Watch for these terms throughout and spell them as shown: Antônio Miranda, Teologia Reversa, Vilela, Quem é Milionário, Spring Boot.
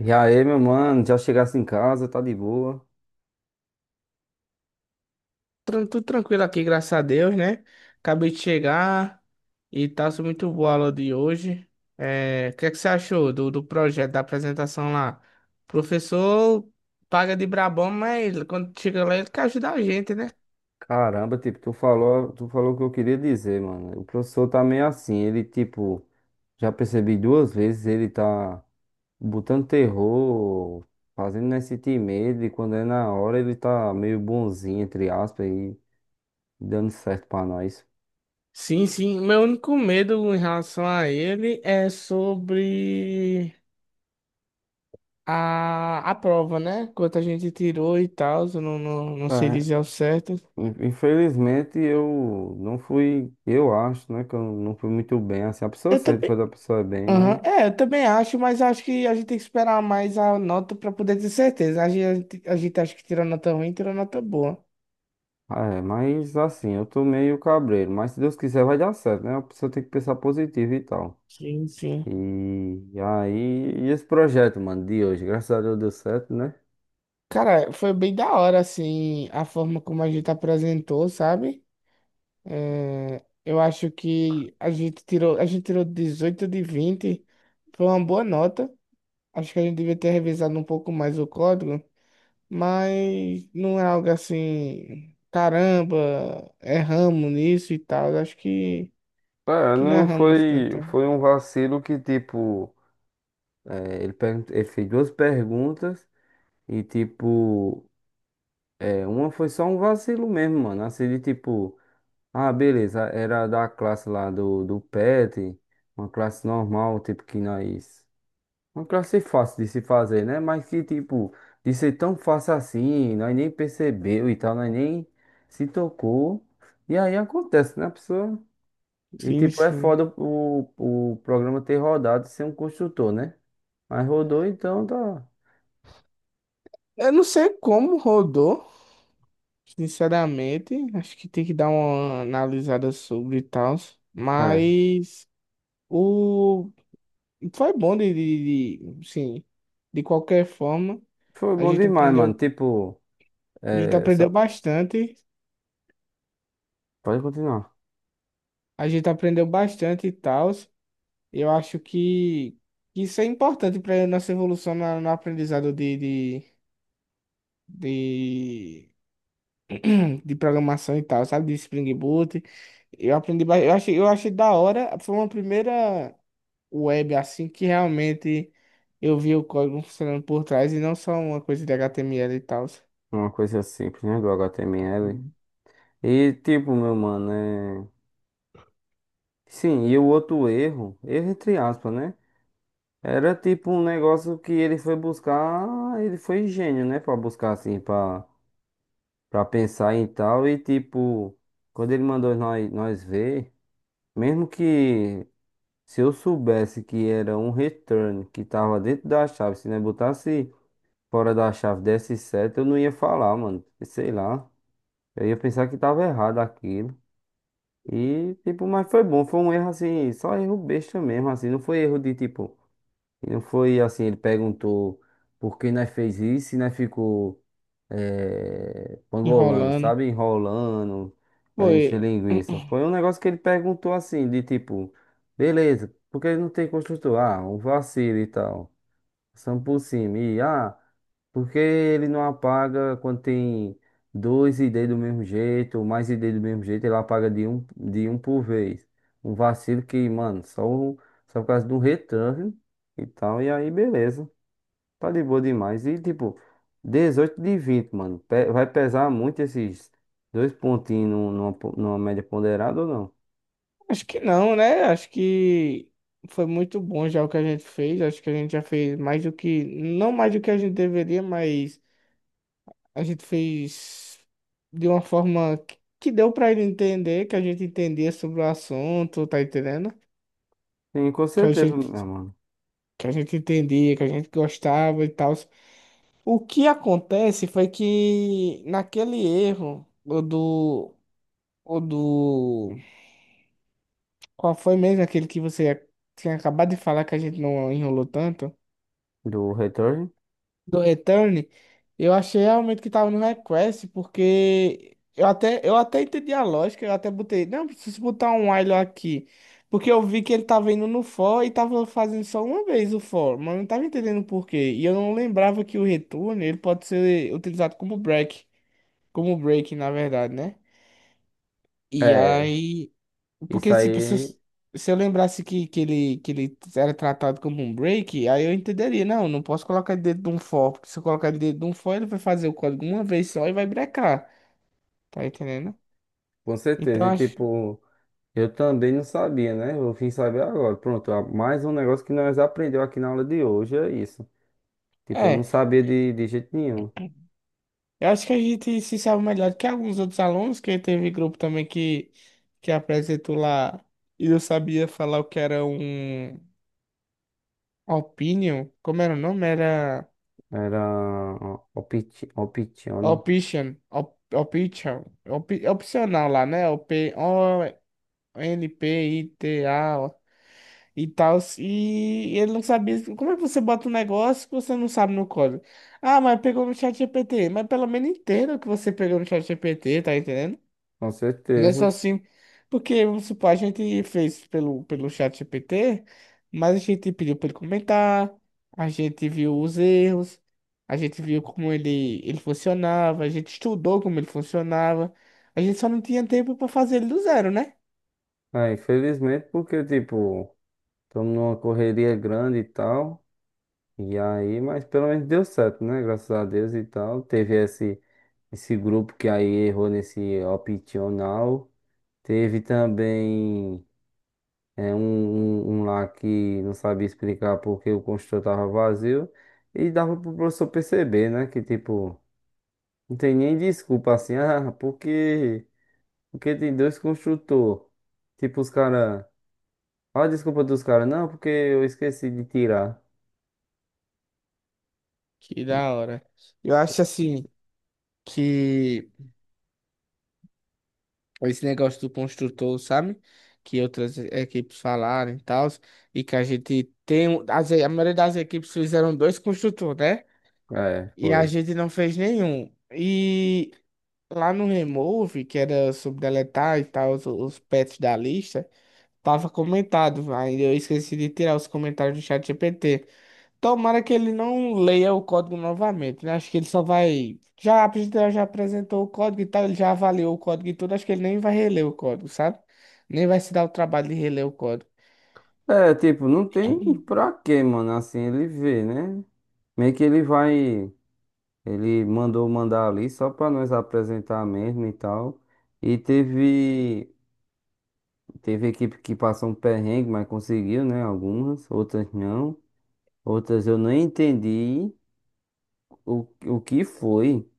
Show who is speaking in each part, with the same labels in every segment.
Speaker 1: E aí, meu mano, já chegasse em casa, tá de boa.
Speaker 2: Tudo tranquilo aqui, graças a Deus, né? Acabei de chegar e tá sendo muito boa a aula de hoje. É, o que é que você achou do projeto, da apresentação lá? O professor paga de brabão, mas quando chega lá ele quer ajudar a gente, né?
Speaker 1: Caramba, tipo, tu falou o que eu queria dizer, mano. O professor tá meio assim, ele, tipo, já percebi duas vezes, ele tá botando terror, fazendo nós sentir medo, e quando é na hora ele tá meio bonzinho, entre aspas, e dando certo pra nós.
Speaker 2: Sim, sim. Meu único medo em relação a ele é sobre a prova, né? Quanto a gente tirou e tal, eu não sei
Speaker 1: É,
Speaker 2: dizer ao certo.
Speaker 1: infelizmente eu não fui, eu acho, né, que eu não fui muito bem, assim, a pessoa
Speaker 2: Eu
Speaker 1: sente
Speaker 2: também.
Speaker 1: quando a pessoa é bem, mas.
Speaker 2: Aham, é, eu também acho, mas acho que a gente tem que esperar mais a nota para poder ter certeza. A gente acha que tirou nota ruim, tirou nota boa.
Speaker 1: É, mas assim, eu tô meio cabreiro, mas se Deus quiser vai dar certo, né? A pessoa tem que pensar positivo e tal.
Speaker 2: Sim, sim.
Speaker 1: E, e esse projeto, mano, de hoje, graças a Deus deu certo, né?
Speaker 2: Cara, foi bem da hora, assim, a forma como a gente apresentou, sabe? É, eu acho que a gente tirou 18 de 20, foi uma boa nota. Acho que a gente devia ter revisado um pouco mais o código, mas não é algo assim, caramba, erramos nisso e tal. Acho que.
Speaker 1: É,
Speaker 2: Que
Speaker 1: não
Speaker 2: narramos
Speaker 1: foi,
Speaker 2: tanta.
Speaker 1: foi um vacilo que, tipo, é, ele, ele fez duas perguntas e, tipo, é, uma foi só um vacilo mesmo, mano. Assim, de tipo, ah, beleza, era da classe lá do PET, uma classe normal, tipo, que nós. Uma quero ser fácil de se fazer, né? Mas que, tipo, de ser tão fácil assim, nós nem percebeu e tal, nós nem se tocou. E aí acontece, né, pessoa? E,
Speaker 2: Sim,
Speaker 1: tipo, é
Speaker 2: sim.
Speaker 1: foda o programa ter rodado sem um construtor, né? Mas rodou, então tá.
Speaker 2: Eu não sei como rodou, sinceramente. Acho que tem que dar uma analisada sobre e tal.
Speaker 1: É.
Speaker 2: Mas o... foi bom sim. De qualquer forma,
Speaker 1: Foi
Speaker 2: a
Speaker 1: bom
Speaker 2: gente
Speaker 1: demais, mano.
Speaker 2: aprendeu.
Speaker 1: Tipo,
Speaker 2: A gente
Speaker 1: é,
Speaker 2: aprendeu
Speaker 1: só...
Speaker 2: bastante.
Speaker 1: pode continuar.
Speaker 2: A gente aprendeu bastante e tal. Eu acho que isso é importante para nossa evolução no aprendizado de, de de programação e tal, sabe? De Spring Boot. Eu aprendi, eu achei, da hora. Foi uma primeira web assim que realmente eu vi o código funcionando por trás e não só uma coisa de HTML e tal.
Speaker 1: Uma coisa simples, né, do HTML.
Speaker 2: Hum.
Speaker 1: E, tipo, meu mano, é... Sim, e o outro erro, erro entre aspas, né? Era tipo um negócio que ele foi buscar, ele foi gênio, né? Pra buscar assim, pra, pra pensar em tal. E tipo, quando ele mandou nós, nós ver, mesmo que se eu soubesse que era um return que tava dentro da chave, se não botasse fora da chave desse certo, eu não ia falar, mano. Sei lá. Eu ia pensar que tava errado aquilo. E tipo, mas foi bom, foi um erro assim, só erro besta mesmo, assim, não foi erro de tipo. E não foi assim, ele perguntou por que nós fez isso e nós ficou pangolando,
Speaker 2: Enrolando.
Speaker 1: sabe? Enrolando, querendo
Speaker 2: Foi,
Speaker 1: encher linguiça. Foi um negócio que ele perguntou assim, de tipo, beleza, porque ele não tem construtor? Ah, um vacilo e tal. São por cima. E, ah, porque ele não apaga quando tem dois ID do mesmo jeito, ou mais ID do mesmo jeito, ele apaga de um por vez. Um vacilo que, mano, só, só por causa de um return e tal, e aí beleza. Tá de boa demais. E tipo, 18 de 20, mano. Vai pesar muito esses dois pontinhos numa, numa média ponderada ou não?
Speaker 2: acho que não, né? Acho que foi muito bom já o que a gente fez. Acho que a gente já fez mais do que, não mais do que a gente deveria, mas a gente fez de uma forma que deu pra ele entender, que a gente entendia sobre o assunto, tá entendendo?
Speaker 1: Sim, com
Speaker 2: Que a
Speaker 1: certeza,
Speaker 2: gente,
Speaker 1: meu mano.
Speaker 2: que a gente entendia, que a gente gostava e tal. O que acontece foi que naquele erro, o do, qual foi mesmo aquele que você tinha acabado de falar que a gente não enrolou tanto?
Speaker 1: Do return.
Speaker 2: Do Return, eu achei realmente que tava no request, porque eu até entendi a lógica, eu até botei, não, preciso botar um while aqui, porque eu vi que ele tava indo no for e tava fazendo só uma vez o for, mas eu não tava entendendo por quê, e eu não lembrava que o return, ele pode ser utilizado como break, na verdade, né? E
Speaker 1: É,
Speaker 2: aí
Speaker 1: isso
Speaker 2: porque, tipo, se eu,
Speaker 1: aí,
Speaker 2: se eu lembrasse que ele era tratado como um break, aí eu entenderia. Não, não posso colocar ele dentro de um for, porque se eu colocar ele dentro de um for, ele vai fazer o código uma vez só e vai brecar. Tá entendendo?
Speaker 1: com certeza.
Speaker 2: Então,
Speaker 1: E
Speaker 2: acho.
Speaker 1: tipo. Eu também não sabia, né? Eu vim saber agora. Pronto, ó, mais um negócio que nós aprendeu aqui na aula de hoje é isso. Tipo, eu não
Speaker 2: É,
Speaker 1: sabia de jeito nenhum.
Speaker 2: eu acho que a gente se sabe melhor do que alguns outros alunos, que teve grupo também que apresentou lá e eu sabia falar o que era um opinion. Como era o nome? Era.
Speaker 1: Era optione,
Speaker 2: Option, option, opcional lá, né? N P I T A e tal. E ele não sabia. Como é que você bota um negócio que você não sabe no código? Ah, mas pegou no chat GPT. Mas pelo menos entenda o que você pegou no chat GPT, tá entendendo?
Speaker 1: com
Speaker 2: Não é só
Speaker 1: certeza.
Speaker 2: assim. Porque, vamos supor, a gente fez pelo chat GPT, mas a gente pediu para ele comentar, a gente viu os erros, a gente viu como ele funcionava, a gente estudou como ele funcionava. A gente só não tinha tempo para fazer ele do zero, né?
Speaker 1: É, infelizmente, porque, tipo, estamos numa correria grande e tal. E aí, mas pelo menos deu certo, né? Graças a Deus e tal. Teve esse, esse grupo que aí errou nesse optional. Teve também. É um lá que não sabia explicar porque o construtor tava vazio. E dava pro professor perceber, né? Que tipo, não tem nem desculpa assim, ah, porque, porque tem dois construtores. Tipo, os caras. Olha a desculpa dos caras, não, porque eu esqueci de tirar.
Speaker 2: Que da hora. Eu acho assim que esse negócio do construtor, sabe? Que outras equipes falaram e tal, e que a gente tem. A maioria das equipes fizeram dois construtores, né?
Speaker 1: É,
Speaker 2: E a
Speaker 1: foi.
Speaker 2: gente não fez nenhum. E lá no Remove, que era sobre deletar e tal, os pets da lista, tava comentado. Ainda eu esqueci de tirar os comentários do chat GPT. Tomara que ele não leia o código novamente, né? Acho que ele só vai. Já, a pessoa já apresentou o código e tal, ele já avaliou o código e tudo. Acho que ele nem vai reler o código, sabe? Nem vai se dar o trabalho de reler o código.
Speaker 1: É, tipo, não tem pra quê, mano, assim, ele vê, né? Meio que ele vai, ele mandou mandar ali só pra nós apresentar mesmo e tal. E teve, teve equipe que passou um perrengue, mas conseguiu, né? Algumas, outras não. Outras eu nem entendi o que foi.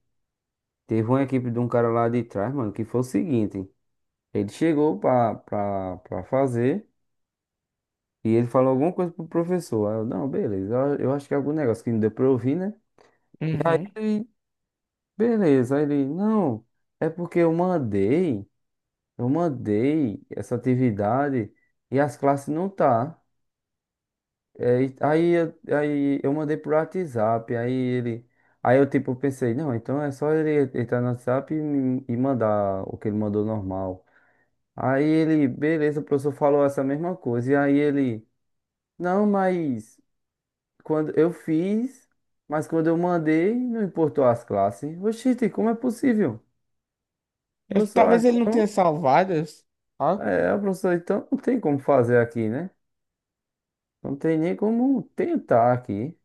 Speaker 1: Teve uma equipe de um cara lá de trás, mano, que foi o seguinte. Ele chegou pra fazer e ele falou alguma coisa pro professor. Aí eu, não, beleza, eu acho que é algum negócio que não deu pra eu ouvir, né? Aí,
Speaker 2: Uhum.
Speaker 1: ele, beleza, aí ele, não, é porque eu mandei essa atividade e as classes não tá. É, aí, aí eu mandei pro WhatsApp, aí ele, aí eu tipo pensei, não, então é só ele entrar no WhatsApp e, e mandar o que ele mandou normal. Aí ele, beleza, o professor falou essa mesma coisa, e aí ele, não, mas quando eu fiz, mas quando eu mandei, não importou as classes. Oxi, como é possível? Professor, ah,
Speaker 2: Talvez ele não
Speaker 1: então,
Speaker 2: tenha salvado. Ó,
Speaker 1: é, professor, então não tem como fazer aqui, né? Não tem nem como tentar aqui.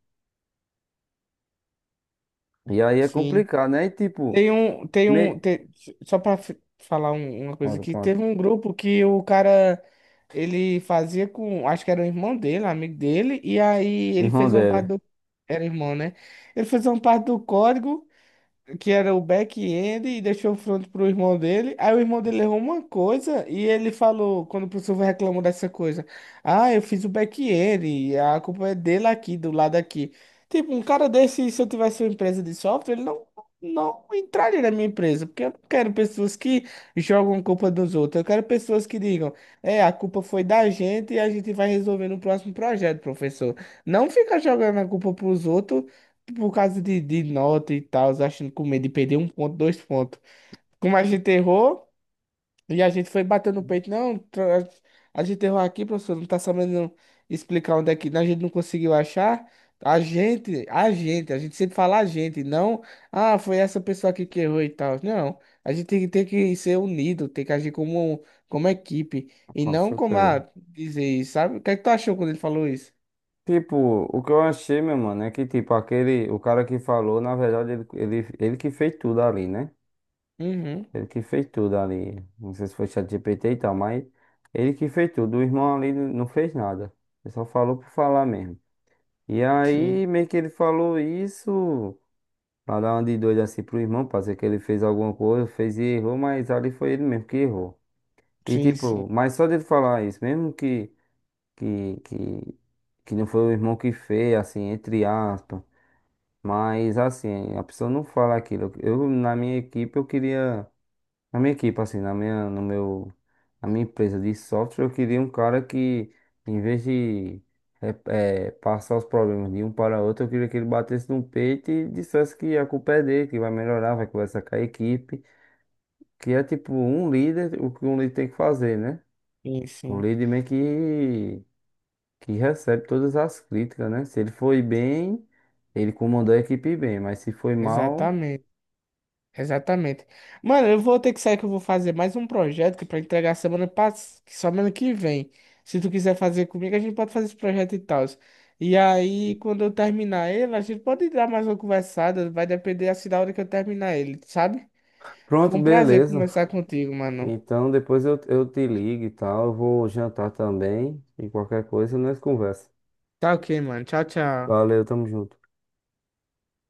Speaker 1: E aí é
Speaker 2: sim.
Speaker 1: complicado, né? E tipo,
Speaker 2: Tem um. Tem um.
Speaker 1: me...
Speaker 2: tem- Só pra falar uma coisa
Speaker 1: pronto,
Speaker 2: aqui,
Speaker 1: pronto.
Speaker 2: teve um grupo que o cara. Ele fazia com. Acho que era o irmão dele, amigo dele, e aí
Speaker 1: E
Speaker 2: ele fez uma parte
Speaker 1: Rondelli,
Speaker 2: do. Era irmão, né? Ele fez uma parte do código, que era o back-end e deixou o front pro irmão dele. Aí o irmão dele errou uma coisa e ele falou, quando o professor reclamou dessa coisa, ah, eu fiz o back-end, e a culpa é dele aqui, do lado aqui. Tipo, um cara desse, se eu tivesse uma empresa de software, ele não entraria na minha empresa, porque eu não quero pessoas que jogam culpa dos outros. Eu quero pessoas que digam, é, a culpa foi da gente e a gente vai resolver no próximo projeto, professor. Não fica jogando a culpa pros outros por causa de nota e tal, achando com medo de perder um ponto, dois pontos. Como a gente errou, e a gente foi batendo no peito, não, a gente errou aqui, professor, não tá sabendo explicar onde é que, a gente não conseguiu achar. A gente sempre fala a gente, não, ah, foi essa pessoa aqui que errou e tal. Não, a gente tem que ser unido, tem que agir como equipe, e
Speaker 1: com
Speaker 2: não como
Speaker 1: certeza.
Speaker 2: a dizer isso, sabe? O que é que tu achou quando ele falou isso?
Speaker 1: Tipo, o que eu achei, meu mano, é que tipo, aquele, o cara que falou, na verdade, ele, ele que fez tudo ali, né?
Speaker 2: Uhum,
Speaker 1: Ele que fez tudo ali. Não sei se foi ChatGPT e tal, mas ele que fez tudo. O irmão ali não fez nada. Ele só falou por falar mesmo. E aí,
Speaker 2: sim,
Speaker 1: meio que ele falou isso. Pra dar uma de doido assim pro irmão, pra dizer que ele fez alguma coisa, fez e errou, mas ali foi ele mesmo que errou. E
Speaker 2: sim, sim,
Speaker 1: tipo, mas só dele falar isso, mesmo que, que, que, que não foi o irmão que fez, assim, entre aspas. Mas assim, a pessoa não fala aquilo. Eu, na minha equipe, eu queria na minha equipe, assim, na minha, no meu, na minha empresa de software, eu queria um cara que, em vez de passar os problemas de um para outro, eu queria que ele batesse no peito e dissesse que a culpa é dele, que vai melhorar, vai conversar com a equipe, que é tipo um líder, o que um líder tem que fazer, né?
Speaker 2: sim,
Speaker 1: O
Speaker 2: sim,
Speaker 1: líder meio que recebe todas as críticas, né? Se ele foi bem, ele comandou a equipe bem, mas se foi mal,
Speaker 2: exatamente. Exatamente. Mano, eu vou ter que sair que eu vou fazer mais um projeto que para entregar semana passada, semana que vem. Se tu quiser fazer comigo, a gente pode fazer esse projeto e tal. E aí, quando eu terminar ele, a gente pode dar mais uma conversada, vai depender assim da hora que eu terminar ele, sabe? Foi
Speaker 1: pronto,
Speaker 2: um prazer
Speaker 1: beleza.
Speaker 2: conversar contigo, mano.
Speaker 1: Então depois eu te ligo e tal. Eu vou jantar também. E qualquer coisa nós conversa.
Speaker 2: Tá ok, mano. Tchau, tchau.
Speaker 1: Valeu, tamo junto.